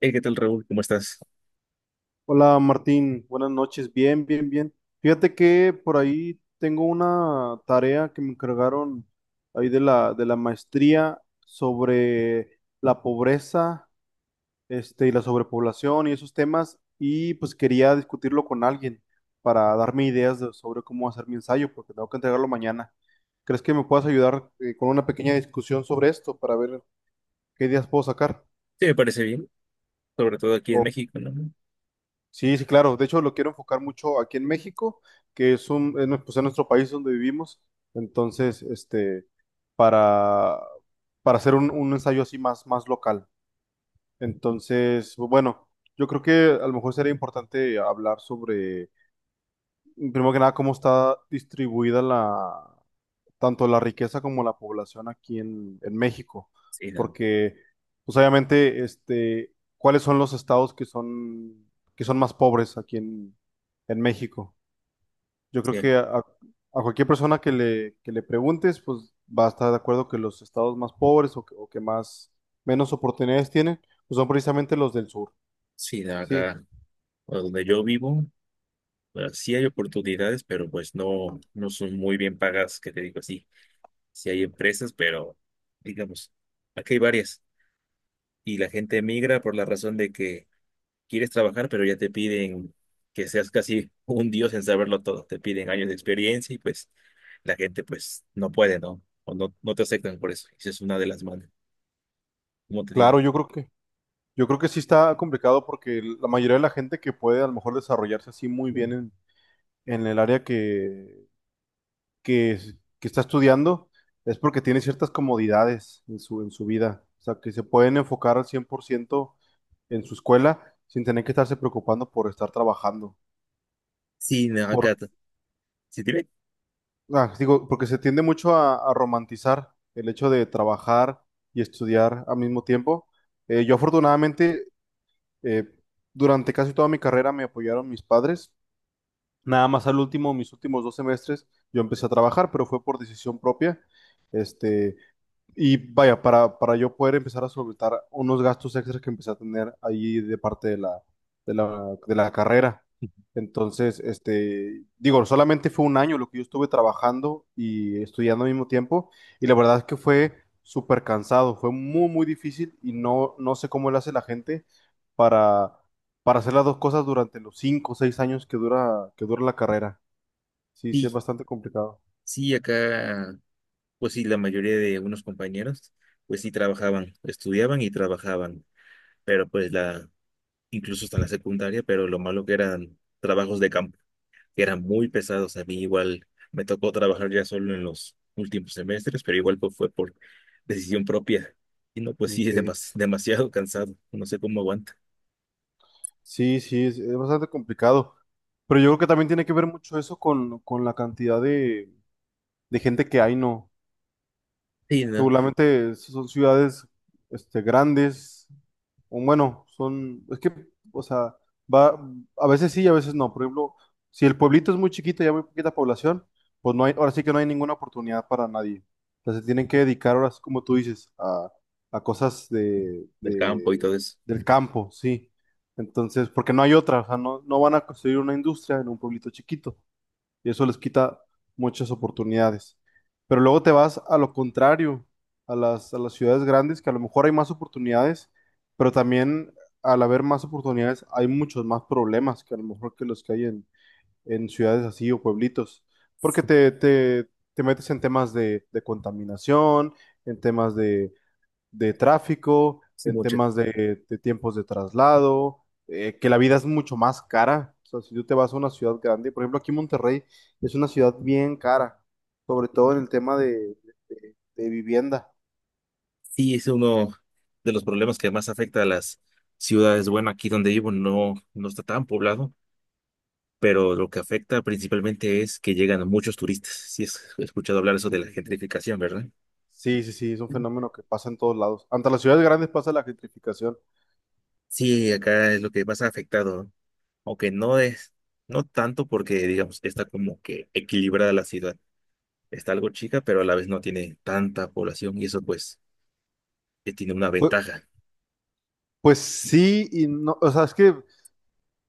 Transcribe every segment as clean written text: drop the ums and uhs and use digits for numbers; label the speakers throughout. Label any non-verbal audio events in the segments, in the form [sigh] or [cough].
Speaker 1: Hey, ¿qué tal, Raúl? ¿Cómo estás?
Speaker 2: Hola Martín, buenas noches, bien, bien, bien. Fíjate que por ahí tengo una tarea que me encargaron ahí de la maestría sobre la pobreza, y la sobrepoblación y esos temas, y pues quería discutirlo con alguien para darme sobre cómo hacer mi ensayo, porque tengo que entregarlo mañana. ¿Crees que me puedas ayudar, con una pequeña discusión sobre esto para ver qué ideas puedo sacar?
Speaker 1: Sí, me parece bien, sobre todo aquí en México, ¿no?
Speaker 2: Sí, sí, claro. De hecho, lo quiero enfocar mucho aquí en México, que es un, es nue- pues, es nuestro país donde vivimos. Entonces, para, para hacer un ensayo así más local. Entonces, bueno, yo creo que a lo mejor sería importante hablar sobre, primero que nada, cómo está distribuida la, tanto la riqueza como la población aquí en México,
Speaker 1: Sí, da,
Speaker 2: porque pues obviamente, ¿cuáles son los estados que son más pobres aquí en México? Yo creo
Speaker 1: sí,
Speaker 2: que a cualquier persona que le preguntes, pues va a estar de acuerdo que los estados más pobres o que más, menos oportunidades tienen, pues son precisamente los del sur.
Speaker 1: sí, da
Speaker 2: Sí,
Speaker 1: acá o donde yo vivo, pues sí hay oportunidades, pero pues no, no son muy bien pagas, que te digo así. Sí hay empresas, pero digamos, aquí hay varias y la gente emigra por la razón de que quieres trabajar, pero ya te piden que seas casi [laughs] un dios en saberlo todo. Te piden años de experiencia y pues la gente pues no puede, ¿no? O no, no te aceptan por eso. Esa es una de las malas, como te digo.
Speaker 2: claro, yo creo que sí está complicado porque la mayoría de la gente que puede a lo mejor desarrollarse así muy bien en el área que, que está estudiando es porque tiene ciertas comodidades en su vida. O sea, que se pueden enfocar al 100% en su escuela sin tener que estarse preocupando por estar trabajando.
Speaker 1: Sí, no,
Speaker 2: Por,
Speaker 1: acá, si te ve,
Speaker 2: ah, digo, porque se tiende mucho a romantizar el hecho de trabajar y estudiar al mismo tiempo. Yo afortunadamente, eh, durante casi toda mi carrera me apoyaron mis padres. Nada más al último, mis últimos 2 semestres, yo empecé a trabajar, pero fue por decisión propia. Este, Y vaya, para yo poder empezar a solventar unos gastos extras que empecé a tener ahí de parte de la carrera. Entonces, digo, solamente fue un año lo que yo estuve trabajando y estudiando al mismo tiempo. Y la verdad es que fue súper cansado, fue muy, muy difícil y no sé cómo le hace la gente para, para hacer las dos cosas durante los 5 o 6 años que dura la carrera. Sí, sí, es
Speaker 1: sí,
Speaker 2: bastante complicado.
Speaker 1: sí, acá, pues sí, la mayoría de unos compañeros, pues sí trabajaban, estudiaban y trabajaban, pero pues incluso hasta la secundaria, pero lo malo que eran trabajos de campo, que eran muy pesados. A mí igual me tocó trabajar ya solo en los últimos semestres, pero igual pues fue por decisión propia, y no, pues sí,
Speaker 2: Ok.
Speaker 1: es demasiado cansado, no sé cómo aguanta,
Speaker 2: Sí, sí, es bastante complicado. Pero yo creo que también tiene que ver mucho eso con la cantidad de gente que hay, ¿no?
Speaker 1: sí, no,
Speaker 2: Regularmente son ciudades grandes, o bueno, son, es que, o sea, va, a veces sí y a veces no. Por ejemplo, si el pueblito es muy chiquito y hay muy poquita población, pues no hay, ahora sí que no hay ninguna oportunidad para nadie. O sea, se tienen que dedicar ahora, sí, como tú dices, a cosas
Speaker 1: del campo y todo eso,
Speaker 2: del campo, sí. Entonces, porque no hay otra, o sea, no van a construir una industria en un pueblito chiquito y eso les quita muchas oportunidades. Pero luego te vas a lo contrario, a las ciudades grandes, que a lo mejor hay más oportunidades, pero también al haber más oportunidades hay muchos más problemas que a lo mejor que los que hay en ciudades así o pueblitos, porque te metes en temas de contaminación, en temas de tráfico,
Speaker 1: sí,
Speaker 2: en
Speaker 1: mucho.
Speaker 2: temas de tiempos de traslado, que la vida es mucho más cara. O sea, si tú te vas a una ciudad grande, por ejemplo, aquí Monterrey es una ciudad bien cara, sobre todo en el tema de vivienda.
Speaker 1: Sí, es uno de los problemas que más afecta a las ciudades. Bueno, aquí donde vivo no, no está tan poblado, pero lo que afecta principalmente es que llegan muchos turistas. Sí, has escuchado hablar eso
Speaker 2: Sí,
Speaker 1: de la
Speaker 2: sí.
Speaker 1: gentrificación, ¿verdad?
Speaker 2: Sí, sí, sí, es un fenómeno que pasa en todos lados. Ante las ciudades grandes pasa la gentrificación.
Speaker 1: Sí, acá es lo que más ha afectado, ¿no? Aunque no es, no tanto porque, digamos, está como que equilibrada la ciudad. Está algo chica, pero a la vez no tiene tanta población y eso pues tiene una
Speaker 2: Pues,
Speaker 1: ventaja. [laughs]
Speaker 2: pues sí y no, o sea, es que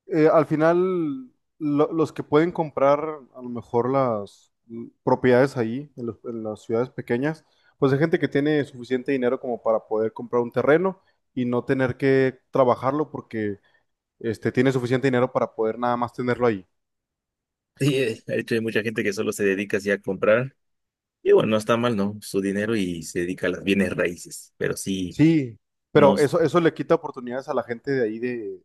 Speaker 2: al final, los que pueden comprar a lo mejor las propiedades ahí, en las ciudades pequeñas, pues hay gente que tiene suficiente dinero como para poder comprar un terreno y no tener que trabajarlo porque tiene suficiente dinero para poder nada más tenerlo ahí.
Speaker 1: Sí, de hecho hay mucha gente que solo se dedica así a comprar. Y bueno, no está mal, ¿no? Su dinero y se dedica a las bienes raíces, pero sí,
Speaker 2: Sí, pero
Speaker 1: nos,
Speaker 2: eso le quita oportunidades a la gente de ahí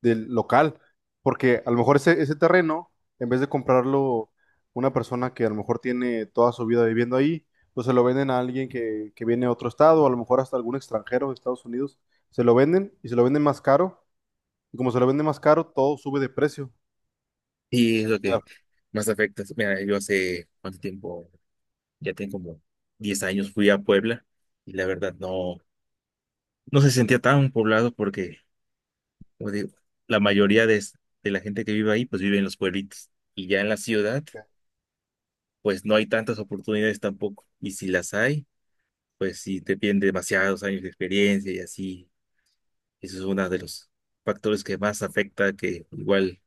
Speaker 2: del local, porque a lo mejor ese terreno, en vez de comprarlo una persona que a lo mejor tiene toda su vida viviendo ahí, pues se lo venden a alguien que viene de otro estado, a lo mejor hasta algún extranjero de Estados Unidos, se lo venden y se lo venden más caro, y como se lo venden más caro, todo sube de precio.
Speaker 1: sí es lo
Speaker 2: Y a-
Speaker 1: que más afecta. Mira, yo hace cuánto tiempo, ya tengo como 10 años, fui a Puebla y la verdad no, no se sentía tan poblado porque, como digo, la mayoría de, es- de la gente que vive ahí, pues vive en los pueblitos. Y ya en la ciudad, pues no hay tantas oportunidades tampoco. Y si las hay, pues sí te piden demasiados años de experiencia y así. Eso es uno de los factores que más afecta que igual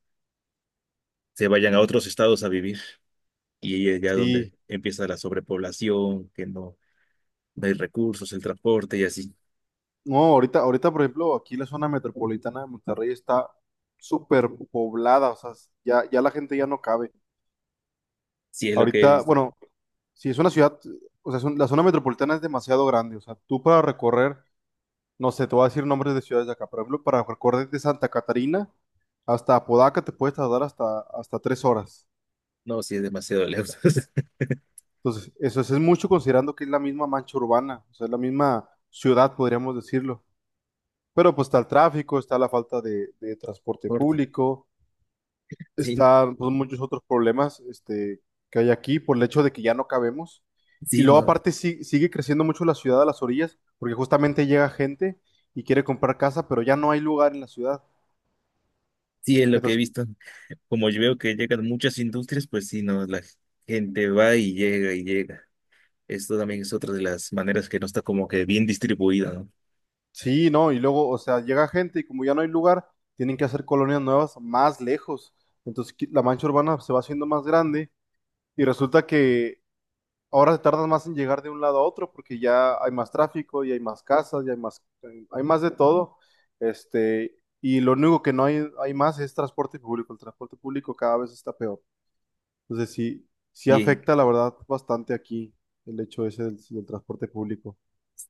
Speaker 1: se vayan a otros estados a vivir. Y ahí es ya
Speaker 2: Sí,
Speaker 1: donde empieza la sobrepoblación, que no, no hay recursos, el transporte y así.
Speaker 2: no, ahorita, por ejemplo, aquí la zona metropolitana de Monterrey está súper poblada, o sea, ya la gente ya no cabe.
Speaker 1: Sí es lo que he
Speaker 2: Ahorita,
Speaker 1: visto.
Speaker 2: bueno, si es una ciudad, o sea, la zona metropolitana es demasiado grande. O sea, tú para recorrer, no sé, te voy a decir nombres de ciudades de acá. Por ejemplo, para recorrer de Santa Catarina hasta Apodaca te puedes tardar hasta 3 horas.
Speaker 1: No, sí es demasiado lejos [laughs] el
Speaker 2: Entonces, eso es mucho considerando que es la misma mancha urbana, o sea, es la misma ciudad, podríamos decirlo. Pero pues está el tráfico, está la falta de transporte
Speaker 1: transporte.
Speaker 2: público,
Speaker 1: Sí,
Speaker 2: están pues, muchos otros problemas que hay aquí por el hecho de que ya no cabemos. Y
Speaker 1: sí,
Speaker 2: luego
Speaker 1: no.
Speaker 2: aparte sigue creciendo mucho la ciudad a las orillas, porque justamente llega gente y quiere comprar casa, pero ya no hay lugar en la ciudad.
Speaker 1: Sí es lo que he
Speaker 2: Entonces,
Speaker 1: visto. Como yo veo que llegan muchas industrias, pues sí, no, la gente va y llega y llega. Esto también es otra de las maneras que no está como que bien distribuida, ¿no?
Speaker 2: sí, no, y luego, o sea, llega gente y como ya no hay lugar, tienen que hacer colonias nuevas más lejos. Entonces, la mancha urbana se va haciendo más grande y resulta que ahora se tardan más en llegar de un lado a otro porque ya hay más tráfico y hay más casas y hay más de todo. Y lo único que no hay, hay más es transporte público. El transporte público cada vez está peor. Entonces sí, sí
Speaker 1: Y
Speaker 2: afecta la verdad bastante aquí el hecho ese del transporte público.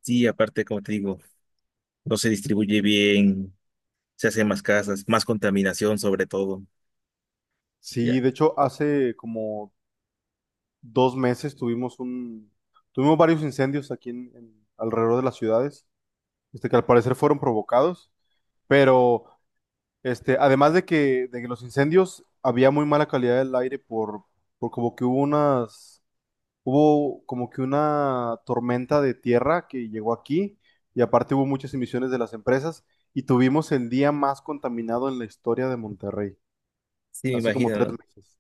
Speaker 1: sí, aparte, como te digo, no se distribuye bien, se hacen más casas, más contaminación sobre todo. Ya,
Speaker 2: Sí, de hecho hace como 2 meses tuvimos tuvimos varios incendios aquí alrededor de las ciudades, que al parecer fueron provocados, pero además de que los incendios había muy mala calidad del aire por como que hubo como que una tormenta de tierra que llegó aquí y aparte hubo muchas emisiones de las empresas y tuvimos el día más contaminado en la historia de Monterrey,
Speaker 1: sí, me
Speaker 2: hace como
Speaker 1: imagino,
Speaker 2: tres
Speaker 1: ¿no?
Speaker 2: meses.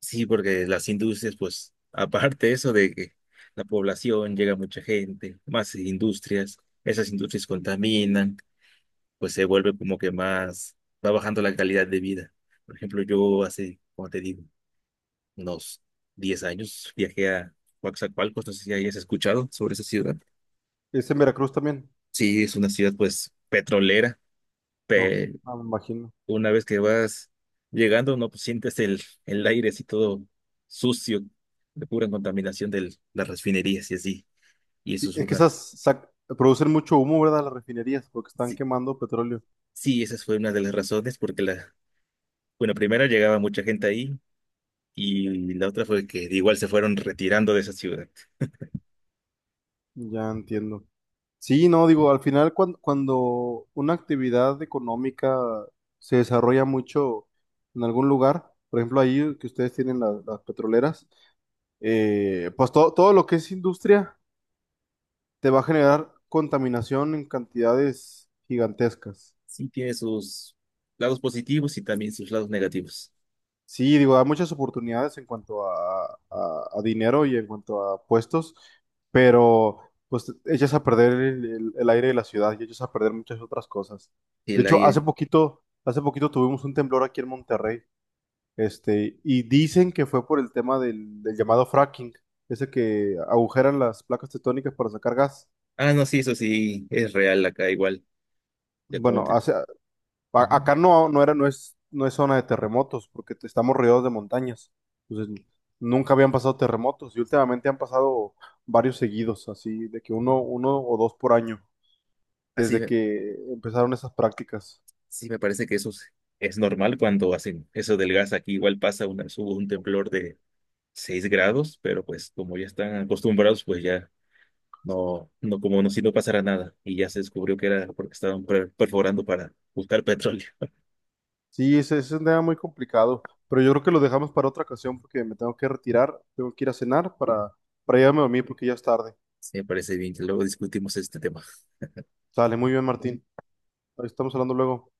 Speaker 1: Sí, porque las industrias, pues, [laughs] aparte eso de que la población llega mucha gente, más industrias, esas industrias contaminan, pues se vuelve como que más, va bajando la calidad de vida. Por ejemplo, yo hace, como te digo, unos 10 años viajé a Coatzacoalcos, no sé si hayas escuchado sobre esa ciudad.
Speaker 2: ¿Es en Veracruz también?
Speaker 1: Sí, es una ciudad, pues, petrolera.
Speaker 2: No, ah, me imagino.
Speaker 1: Una vez que vas llegando, no, pues sientes el aire así todo sucio, de pura contaminación de las refinerías y así. Y eso
Speaker 2: Sí,
Speaker 1: es
Speaker 2: es que
Speaker 1: una,
Speaker 2: esas producen mucho humo, ¿verdad? Las refinerías porque están
Speaker 1: sí,
Speaker 2: quemando petróleo.
Speaker 1: sí, esa fue una de las razones porque la, bueno, primero llegaba mucha gente ahí y la otra fue que igual se fueron retirando de esa ciudad.
Speaker 2: Ya entiendo. Sí, no, digo, al final cuando, una actividad económica se desarrolla mucho en algún lugar, por ejemplo, ahí que ustedes tienen las petroleras, pues todo lo que es industria te va a generar contaminación en cantidades gigantescas.
Speaker 1: Sí tiene sus lados positivos y también sus lados negativos.
Speaker 2: Sí, digo, hay muchas oportunidades en cuanto a dinero y en cuanto a puestos, pero pues echas a perder el aire de la ciudad y echas a perder muchas otras cosas. De
Speaker 1: El
Speaker 2: hecho,
Speaker 1: aire.
Speaker 2: hace poquito tuvimos un temblor aquí en Monterrey, y dicen que fue por el tema del llamado fracking, ese que agujeran las placas tectónicas para sacar gas.
Speaker 1: Ah, no, sí, eso sí, es real acá igual, de cómo
Speaker 2: Bueno,
Speaker 1: te...
Speaker 2: hace,
Speaker 1: Ujú.
Speaker 2: Acá no, no es, no es zona de terremotos, porque estamos rodeados de montañas. Entonces, nunca habían pasado terremotos y últimamente han pasado varios seguidos, así de que 1 o 2 por año,
Speaker 1: Así,
Speaker 2: desde que empezaron esas prácticas.
Speaker 1: sí, me parece que eso es normal cuando hacen eso del gas. Aquí igual pasa una, hubo un temblor de 6 grados, pero pues como ya están acostumbrados, pues ya no, no como no si no pasara nada. Y ya se descubrió que era porque estaban perforando para buscar petróleo.
Speaker 2: Sí, ese es un tema muy complicado, pero yo creo que lo dejamos para otra ocasión porque me tengo que retirar, tengo que ir a cenar para irme a dormir porque ya es tarde.
Speaker 1: Sí, me parece bien que luego discutimos este tema.
Speaker 2: Sale, muy bien, Martín. Ahí estamos hablando luego.